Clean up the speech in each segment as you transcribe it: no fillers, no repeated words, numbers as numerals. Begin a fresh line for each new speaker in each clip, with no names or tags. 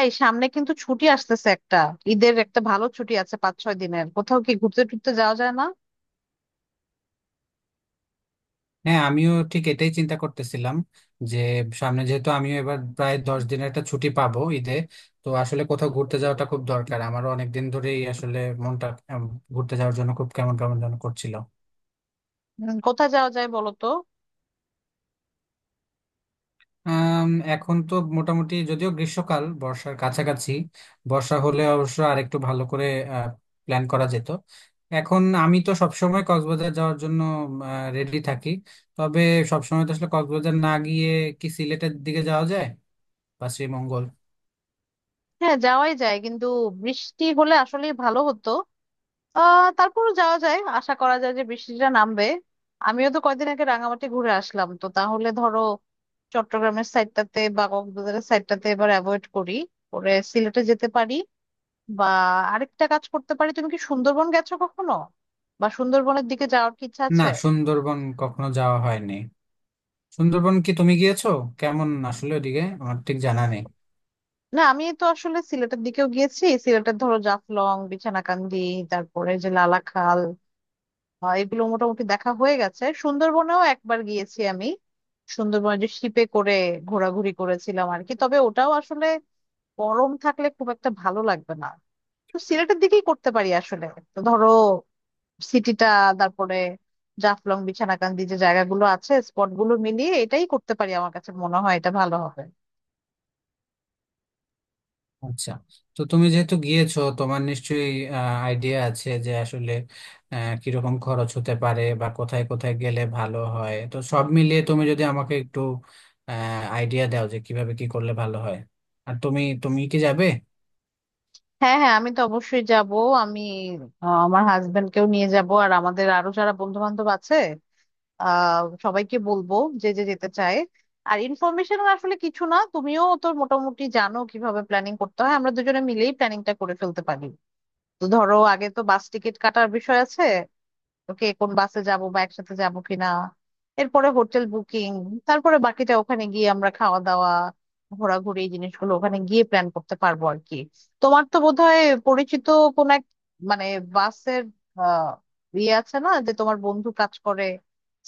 এই সামনে কিন্তু ছুটি আসতেছে একটা। ঈদের একটা ভালো ছুটি আছে 5-6 দিনের। কোথাও কি ঘুরতে টুরতে যাওয়া যায় না?
হ্যাঁ আমিও ঠিক এটাই চিন্তা করতেছিলাম যে সামনে যেহেতু আমিও এবার প্রায় 10 দিনের একটা ছুটি পাবো ঈদে। তো আসলে কোথাও ঘুরতে যাওয়াটা খুব দরকার, আমারও অনেকদিন ধরেই আসলে মনটা উম, ঘুরতে যাওয়ার জন্য খুব কেমন কেমন যেন করছিল।
কোথায় যাওয়া যায় বলো তো?
আম, এখন তো মোটামুটি যদিও গ্রীষ্মকাল, বর্ষার কাছাকাছি। বর্ষা হলে অবশ্য আরেকটু ভালো করে প্ল্যান করা যেত। এখন আমি তো সবসময় কক্সবাজার যাওয়ার জন্য রেডি থাকি, তবে সবসময় তো আসলে কক্সবাজার না গিয়ে কি সিলেটের দিকে যাওয়া যায়, বা শ্রীমঙ্গল।
হ্যাঁ যাওয়াই যায় কিন্তু বৃষ্টি হলে আসলেই ভালো হতো। তারপরও যাওয়া যায়, আশা করা যায় যে বৃষ্টিটা নামবে। আমিও তো কয়দিন আগে রাঙামাটি ঘুরে আসলাম, তো তাহলে ধরো চট্টগ্রামের সাইডটাতে বা কক্সবাজারের সাইডটাতে এবার অ্যাভয়েড করি, পরে সিলেটে যেতে পারি। বা আরেকটা কাজ করতে পারি, তুমি কি সুন্দরবন গেছো কখনো? বা সুন্দরবনের দিকে যাওয়ার কি ইচ্ছা আছে?
না, সুন্দরবন কখনো যাওয়া হয়নি। সুন্দরবন কি তুমি গিয়েছো? কেমন আসলে ওদিকে আমার ঠিক জানা নেই।
না, আমি তো আসলে সিলেটের দিকেও গিয়েছি। সিলেটের ধরো জাফলং বিছানাকান্দি, তারপরে যে লালাখাল, এগুলো মোটামুটি দেখা হয়ে গেছে। সুন্দরবনেও একবার গিয়েছি আমি। সুন্দরবনে যে শিপে করে ঘোরাঘুরি করেছিলাম আর কি, তবে ওটাও আসলে গরম থাকলে খুব একটা ভালো লাগবে না। তো সিলেটের দিকেই করতে পারি আসলে। তো ধরো সিটিটা, তারপরে জাফলং বিছানাকান্দি যে জায়গাগুলো আছে, স্পটগুলো মিলিয়ে এটাই করতে পারি, আমার কাছে মনে হয় এটা ভালো হবে।
আচ্ছা, তো তুমি যেহেতু গিয়েছো তোমার নিশ্চয়ই আইডিয়া আছে যে আসলে কিরকম খরচ হতে পারে বা কোথায় কোথায় গেলে ভালো হয়, তো সব মিলিয়ে তুমি যদি আমাকে একটু আইডিয়া দাও যে কিভাবে কি করলে ভালো হয়। আর তুমি তুমি কি যাবে?
হ্যাঁ হ্যাঁ, আমি তো অবশ্যই যাব। আমি আমার হাজবেন্ডকেও নিয়ে যাব আর আমাদের আরো যারা বন্ধু বান্ধব আছে আহ সবাইকে বলবো যে যে যেতে চায়। আর ইনফরমেশন আসলে কিছু না, তুমিও তো মোটামুটি জানো কিভাবে প্ল্যানিং করতে হয়, আমরা দুজনে মিলেই প্ল্যানিংটা করে ফেলতে পারি। তো ধরো আগে তো বাস টিকিট কাটার বিষয় আছে, কে কোন বাসে যাব বা একসাথে যাব কিনা, এরপরে হোটেল বুকিং, তারপরে বাকিটা ওখানে গিয়ে আমরা খাওয়া দাওয়া, ঘোরাঘুরি এই জিনিসগুলো ওখানে গিয়ে প্ল্যান করতে পারবো আর কি। তোমার তো বোধহয় পরিচিত কোন এক মানে বাসের আহ ইয়ে আছে না, যে তোমার বন্ধু কাজ করে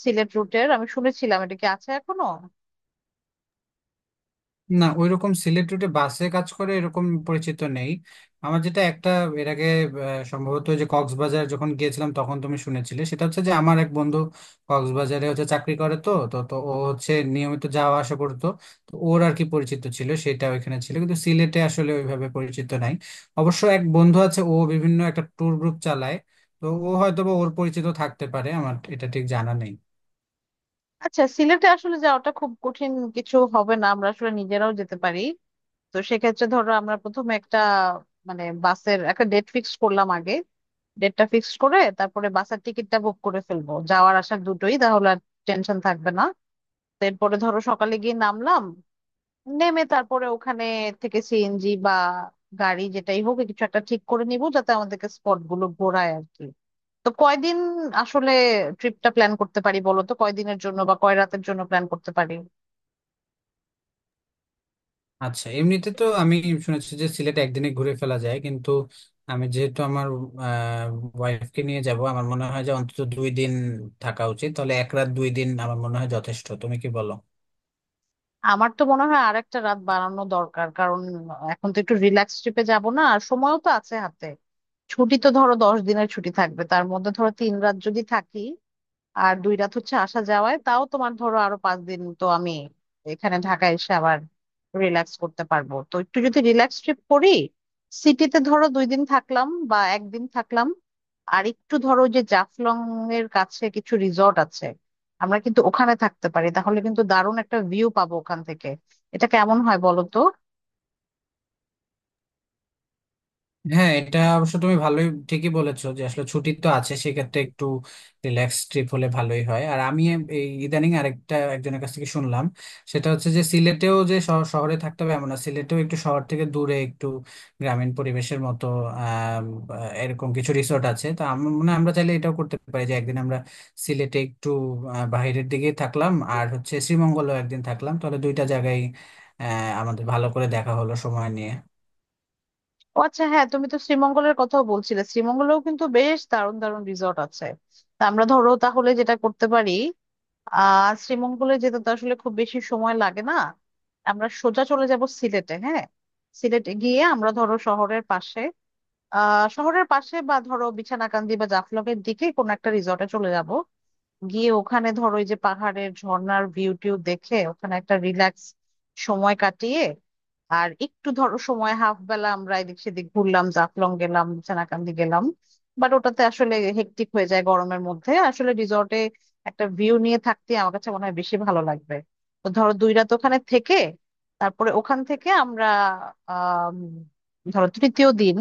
সিলেট রুটের, আমি শুনেছিলাম, এটা কি আছে এখনো?
না, ওইরকম সিলেট রুটে বাসে কাজ করে এরকম পরিচিত নেই। আমার যেটা একটা, এর আগে সম্ভবত, যে কক্সবাজার যখন গিয়েছিলাম তখন তুমি শুনেছিলে, সেটা হচ্ছে যে আমার এক বন্ধু কক্সবাজারে হচ্ছে চাকরি করে, তো তো তো ও হচ্ছে নিয়মিত যাওয়া আসা করতো। তো ওর আর কি পরিচিত ছিল সেটা ওইখানে ছিল, কিন্তু সিলেটে আসলে ওইভাবে পরিচিত নাই। অবশ্য এক বন্ধু আছে, ও বিভিন্ন একটা ট্যুর গ্রুপ চালায়, তো ও হয়তো বা ওর পরিচিত থাকতে পারে, আমার এটা ঠিক জানা নেই।
আচ্ছা, সিলেটে আসলে যাওয়াটা খুব কঠিন কিছু হবে না, আমরা আসলে নিজেরাও যেতে পারি। তো সেক্ষেত্রে ধরো আমরা প্রথমে একটা মানে বাসের একটা ডেট ফিক্স করলাম আগে। ডেটটা ফিক্সড করে তারপরে বাসের টিকিটটা বুক করে ফেলবো যাওয়ার আসার দুটোই, তাহলে আর টেনশন থাকবে না। তো এরপরে ধরো সকালে গিয়ে নামলাম, নেমে তারপরে ওখানে থেকে সিএনজি বা গাড়ি যেটাই হোক কিছু একটা ঠিক করে নিব যাতে আমাদেরকে স্পট গুলো ঘোরায় আর কি। তো কয়দিন আসলে ট্রিপটা প্ল্যান করতে পারি বলো তো, কয়দিনের জন্য বা কয় রাতের জন্য প্ল্যান করতে পারি?
আচ্ছা, এমনিতে তো আমি শুনেছি যে সিলেট একদিনে ঘুরে ফেলা যায়, কিন্তু আমি যেহেতু আমার ওয়াইফকে নিয়ে যাব, আমার মনে হয় যে অন্তত 2 দিন থাকা উচিত। তাহলে 1 রাত 2 দিন আমার মনে হয় যথেষ্ট, তুমি কি বলো?
আমার তো মনে হয় আর একটা রাত বাড়ানো দরকার, কারণ এখন তো একটু রিল্যাক্স ট্রিপে যাব না, আর সময়ও তো আছে হাতে। ছুটি তো ধরো 10 দিনের ছুটি থাকবে, তার মধ্যে ধরো 3 রাত যদি থাকি আর 2 রাত হচ্ছে আসা যাওয়ায়, তাও তোমার ধরো আরো 5 দিন। তো আমি এখানে ঢাকায় এসে আবার রিল্যাক্স করতে পারবো। তো একটু যদি রিল্যাক্স ট্রিপ করি, সিটিতে ধরো 2 দিন থাকলাম বা একদিন থাকলাম, আর একটু ধরো যে জাফলং এর কাছে কিছু রিসর্ট আছে, আমরা কিন্তু ওখানে থাকতে পারি, তাহলে কিন্তু দারুণ একটা ভিউ পাবো ওখান থেকে। এটা কেমন হয় বলো তো?
হ্যাঁ, এটা অবশ্য তুমি ভালোই ঠিকই বলেছো যে আসলে ছুটি তো আছে, সেক্ষেত্রে একটু রিল্যাক্স ট্রিপ হলে ভালোই হয়। আর আমি এই ইদানিং আরেকটা একজনের কাছ থেকে শুনলাম, সেটা হচ্ছে যে সিলেটেও যে শহরে থাকতে হবে এমন না, সিলেটেও একটু শহর থেকে দূরে একটু গ্রামীণ পরিবেশের মতো আম, এরকম কিছু রিসোর্ট আছে। তো আমার মনে হয় আমরা চাইলে এটাও করতে পারি যে একদিন আমরা সিলেটে একটু বাইরের দিকে থাকলাম, আর হচ্ছে শ্রীমঙ্গলেও একদিন থাকলাম, তাহলে দুইটা জায়গায় আমাদের ভালো করে দেখা হলো সময় নিয়ে।
ও আচ্ছা, হ্যাঁ তুমি তো শ্রীমঙ্গলের কথাও বলছিলে, শ্রীমঙ্গলেও কিন্তু বেশ দারুণ দারুণ রিসর্ট আছে। তা আমরা ধরো তাহলে যেটা করতে পারি, শ্রীমঙ্গলে যেতে তো আসলে খুব বেশি সময় লাগে না। আমরা সোজা চলে যাব সিলেটে, হ্যাঁ। সিলেটে গিয়ে আমরা ধরো শহরের পাশে শহরের পাশে বা ধরো বিছানাকান্দি বা জাফলং এর দিকে কোনো একটা রিসর্টে চলে যাব। গিয়ে ওখানে ধরো ওই যে পাহাড়ের ঝর্ণার ভিউ টিউ দেখে ওখানে একটা রিল্যাক্স সময় কাটিয়ে, আর একটু ধরো সময় হাফ বেলা আমরা এদিক সেদিক ঘুরলাম, জাফলং গেলাম, সেনাকান্দি গেলাম। বাট ওটাতে আসলে হেক্টিক হয়ে যায় গরমের মধ্যে, আসলে রিসর্টে একটা ভিউ নিয়ে থাকতে আমার কাছে মনে হয় বেশি ভালো লাগবে। তো ধরো 2 রাত ওখানে থেকে তারপরে ওখান থেকে আমরা আহ ধরো তৃতীয় দিন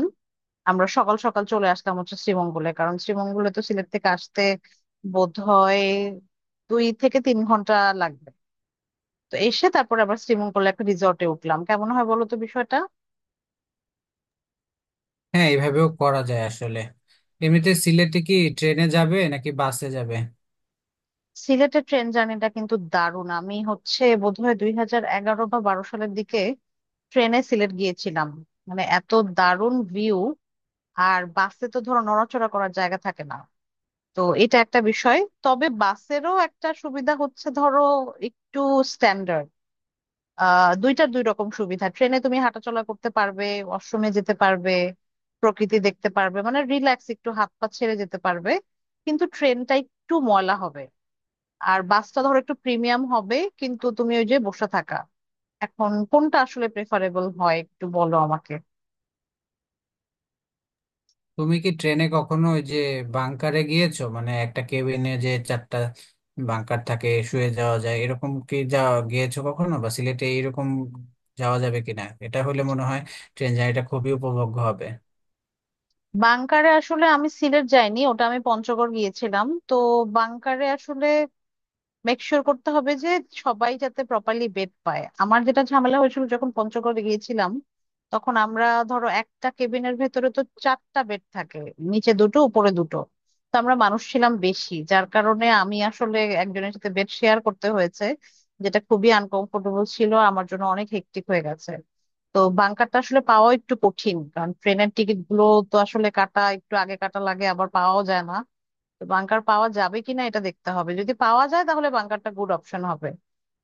আমরা সকাল সকাল চলে আসলাম হচ্ছে শ্রীমঙ্গলে, কারণ শ্রীমঙ্গলে তো সিলেট থেকে আসতে বোধ হয় 2-3 ঘন্টা লাগবে। তো এসে তারপরে আবার শ্রীমঙ্গলে একটা রিসর্টে উঠলাম, কেমন হয় বলো তো বিষয়টা?
হ্যাঁ, এইভাবেও করা যায় আসলে। এমনিতে সিলেটে কি ট্রেনে যাবে নাকি বাসে যাবে?
সিলেটের ট্রেন জার্নিটা কিন্তু দারুণ। আমি হচ্ছে বোধহয় 2011 বা 2012 সালের দিকে ট্রেনে সিলেট গিয়েছিলাম, মানে এত দারুণ ভিউ। আর বাসে তো ধরো নড়াচড়া করার জায়গা থাকে না, তো এটা একটা বিষয়। তবে বাসেরও একটা সুবিধা হচ্ছে ধরো একটু, দুইটার দুই রকম সুবিধা। ট্রেনে তুমি হাঁটাচলা করতে পারবে, ওয়াশরুমে যেতে পারবে, প্রকৃতি দেখতে পারবে, মানে রিল্যাক্স একটু হাত পা ছেড়ে যেতে পারবে। কিন্তু ট্রেনটা একটু ময়লা হবে, আর বাসটা ধরো একটু প্রিমিয়াম হবে কিন্তু তুমি ওই যে বসে থাকা। এখন কোনটা আসলে প্রেফারেবল হয় একটু বলো আমাকে।
তুমি কি ট্রেনে কখনো ওই যে বাংকারে গিয়েছো? মানে একটা কেবিনে যে চারটা বাংকার থাকে, শুয়ে যাওয়া যায়, এরকম কি যাওয়া গিয়েছো কখনো, বা সিলেটে এরকম যাওয়া যাবে কিনা? এটা হলে মনে হয় ট্রেন জার্নিটা খুবই উপভোগ্য হবে।
বাংকারে আসলে আমি সিলেট যাইনি, ওটা আমি পঞ্চগড় গিয়েছিলাম। তো বাংকারে আসলে মেক শিওর করতে হবে যে সবাই যাতে প্রপারলি বেড পায়। আমার যেটা ঝামেলা হয়েছিল যখন পঞ্চগড়ে গিয়েছিলাম, তখন আমরা ধরো একটা কেবিনের ভেতরে তো 4টা বেড থাকে, নিচে দুটো উপরে দুটো। তো আমরা মানুষ ছিলাম বেশি, যার কারণে আমি আসলে একজনের সাথে বেড শেয়ার করতে হয়েছে, যেটা খুবই আনকমফোর্টেবল ছিল আমার জন্য, অনেক হেক্টিক হয়ে গেছে। তো বাংকারটা আসলে পাওয়া একটু কঠিন, কারণ ট্রেনের টিকিট গুলো তো আসলে কাটা একটু আগে কাটা লাগে, আবার পাওয়াও যায় না। বাংকার পাওয়া যাবে কিনা এটা দেখতে হবে, যদি পাওয়া যায় তাহলে বাংকারটা গুড অপশন হবে।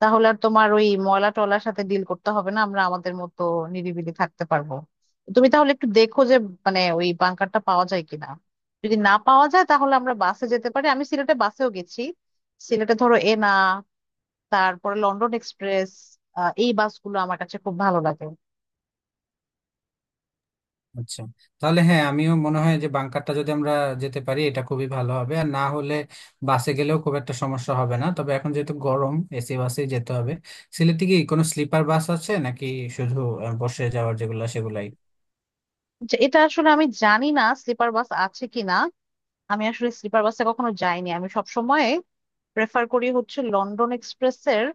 তাহলে আর তোমার ওই ময়লা টলার সাথে ডিল করতে হবে না, আমরা আমাদের মতো নিরিবিলি থাকতে পারবো। তুমি তাহলে একটু দেখো যে মানে ওই বাংকারটা পাওয়া যায় কিনা। যদি না পাওয়া যায় তাহলে আমরা বাসে যেতে পারি, আমি সিলেটে বাসেও গেছি। সিলেটে ধরো এনা, তারপরে লন্ডন এক্সপ্রেস, এই বাসগুলো আমার কাছে খুব ভালো লাগে।
আচ্ছা, তাহলে হ্যাঁ, আমিও মনে হয় যে বাংকারটা যদি আমরা যেতে পারি এটা খুবই ভালো হবে। আর না হলে বাসে গেলেও খুব একটা সমস্যা হবে না, তবে এখন যেহেতু গরম, এসি বাসেই যেতে হবে। সিলেটে কি কোনো স্লিপার বাস আছে, নাকি শুধু বসে যাওয়ার যেগুলো সেগুলাই?
যে এটা আসলে আমি জানি না স্লিপার বাস আছে কিনা, আমি আসলে স্লিপার বাসে কখনো যাইনি। আমি সব প্রেফার করি হচ্ছে লন্ডন এক্সপ্রেসের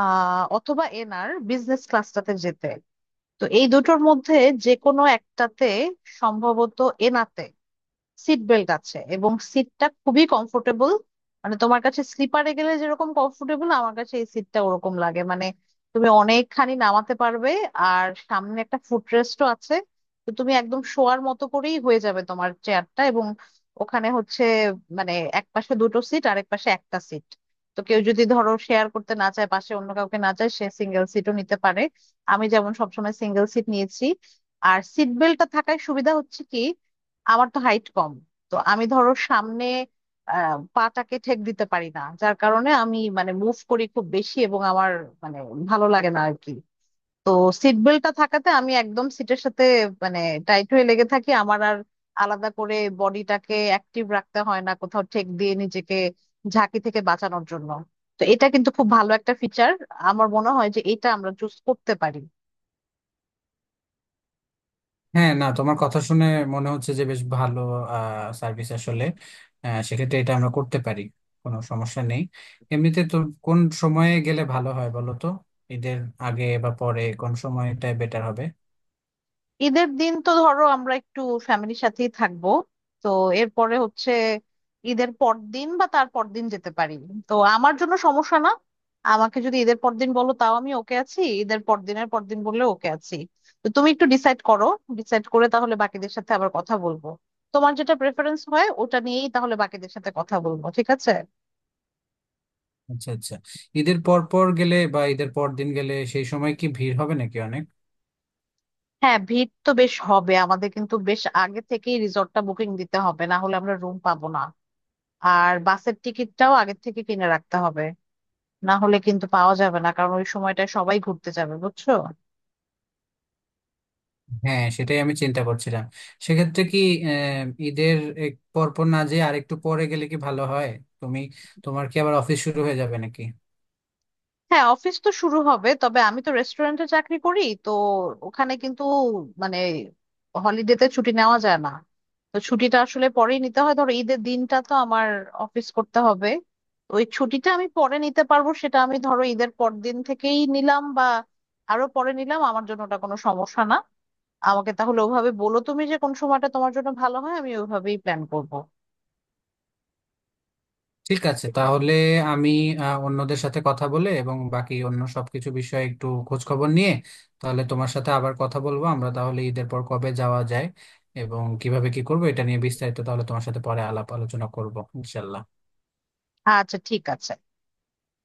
অথবা এনার বিজনেস ক্লাসটাতে যেতে। তো এই দুটোর মধ্যে যে কোনো একটাতে সম্ভবত, এনাতে সিট বেল্ট আছে এবং সিটটা খুবই কমফোর্টেবল। মানে তোমার কাছে স্লিপারে গেলে যেরকম কমফোর্টেবল, আমার কাছে এই সিটটা ওরকম লাগে। মানে তুমি অনেকখানি নামাতে পারবে আর সামনে একটা ফুটরেস্টও আছে, তো তুমি একদম শোয়ার মতো করেই হয়ে যাবে তোমার চেয়ারটা। এবং ওখানে হচ্ছে মানে এক পাশে দুটো সিট আর এক পাশে একটা সিট। তো কেউ যদি ধরো শেয়ার করতে না চায়, পাশে অন্য কাউকে না চায়, সে সিঙ্গেল সিটও নিতে পারে। আমি যেমন সবসময় সিঙ্গেল সিট নিয়েছি। আর সিট বেল্টটা থাকার সুবিধা হচ্ছে কি, আমার তো হাইট কম, তো আমি ধরো সামনে পাটাকে ঠেক দিতে পারি না, যার কারণে আমি মানে মুভ করি খুব বেশি, এবং আমার মানে ভালো লাগে না আর কি। তো সিট বেল্টটা থাকাতে আমি একদম সিটের সাথে মানে টাইট হয়ে লেগে থাকি, আমার আর আলাদা করে বডিটাকে অ্যাক্টিভ রাখতে হয় না কোথাও ঠেক দিয়ে নিজেকে ঝাঁকি থেকে বাঁচানোর জন্য। তো এটা কিন্তু খুব ভালো একটা ফিচার, আমার মনে হয় যে এটা আমরা চুজ করতে পারি।
হ্যাঁ, না, তোমার কথা শুনে মনে হচ্ছে যে বেশ ভালো সার্ভিস আসলে। সেক্ষেত্রে এটা আমরা করতে পারি, কোনো সমস্যা নেই। এমনিতে তো কোন সময়ে গেলে ভালো হয় বলো তো? ঈদের আগে বা পরে কোন সময়টা বেটার হবে?
ঈদের দিন তো ধরো আমরা একটু ফ্যামিলির সাথেই থাকবো। তো এরপরে হচ্ছে ঈদের পর দিন বা তার পর দিন যেতে পারি। তো আমার জন্য সমস্যা না, আমাকে যদি ঈদের পর দিন বলো তাও আমি ওকে আছি, ঈদের পর দিনের পর দিন বললে ওকে আছি। তো তুমি একটু ডিসাইড করো, ডিসাইড করে তাহলে বাকিদের সাথে আবার কথা বলবো। তোমার যেটা প্রেফারেন্স হয় ওটা নিয়েই তাহলে বাকিদের সাথে কথা বলবো, ঠিক আছে?
আচ্ছা, আচ্ছা, ঈদের পর পর গেলে বা ঈদের পর দিন গেলে সেই সময় কি ভিড় হবে নাকি অনেক?
হ্যাঁ ভিড় তো বেশ হবে, আমাদের কিন্তু বেশ আগে থেকেই রিসর্টটা বুকিং দিতে হবে না হলে আমরা রুম পাবো না। আর বাসের টিকিটটাও আগের থেকে কিনে রাখতে হবে, না হলে কিন্তু পাওয়া যাবে না, কারণ ওই সময়টায় সবাই ঘুরতে যাবে, বুঝছো?
হ্যাঁ, সেটাই আমি চিন্তা করছিলাম। সেক্ষেত্রে কি আহ, ঈদের এক পর পর না যেয়ে আরেকটু পরে গেলে কি ভালো হয়? তুমি, তোমার কি আবার অফিস শুরু হয়ে যাবে নাকি?
হ্যাঁ অফিস তো শুরু হবে, তবে আমি তো রেস্টুরেন্টে চাকরি করি, তো ওখানে কিন্তু মানে হলিডেতে ছুটি নেওয়া যায় না। তো ছুটিটা আসলে পরেই নিতে হয়, ধরো ঈদের দিনটা তো আমার অফিস করতে হবে। তো ওই ছুটিটা আমি পরে নিতে পারবো, সেটা আমি ধরো ঈদের পর দিন থেকেই নিলাম বা আরো পরে নিলাম, আমার জন্য ওটা কোনো সমস্যা না। আমাকে তাহলে ওভাবে বলো তুমি যে কোন সময়টা তোমার জন্য ভালো হয়, আমি ওইভাবেই প্ল্যান করব।
ঠিক আছে, তাহলে আমি অন্যদের সাথে কথা বলে এবং বাকি অন্য সবকিছু বিষয়ে একটু খোঁজ খবর নিয়ে তাহলে তোমার সাথে আবার কথা বলবো, আমরা তাহলে ঈদের পর কবে যাওয়া যায় এবং কিভাবে কি করবো এটা নিয়ে বিস্তারিত তাহলে তোমার সাথে পরে আলাপ আলোচনা করবো ইনশাল্লাহ।
আচ্ছা ঠিক আছে।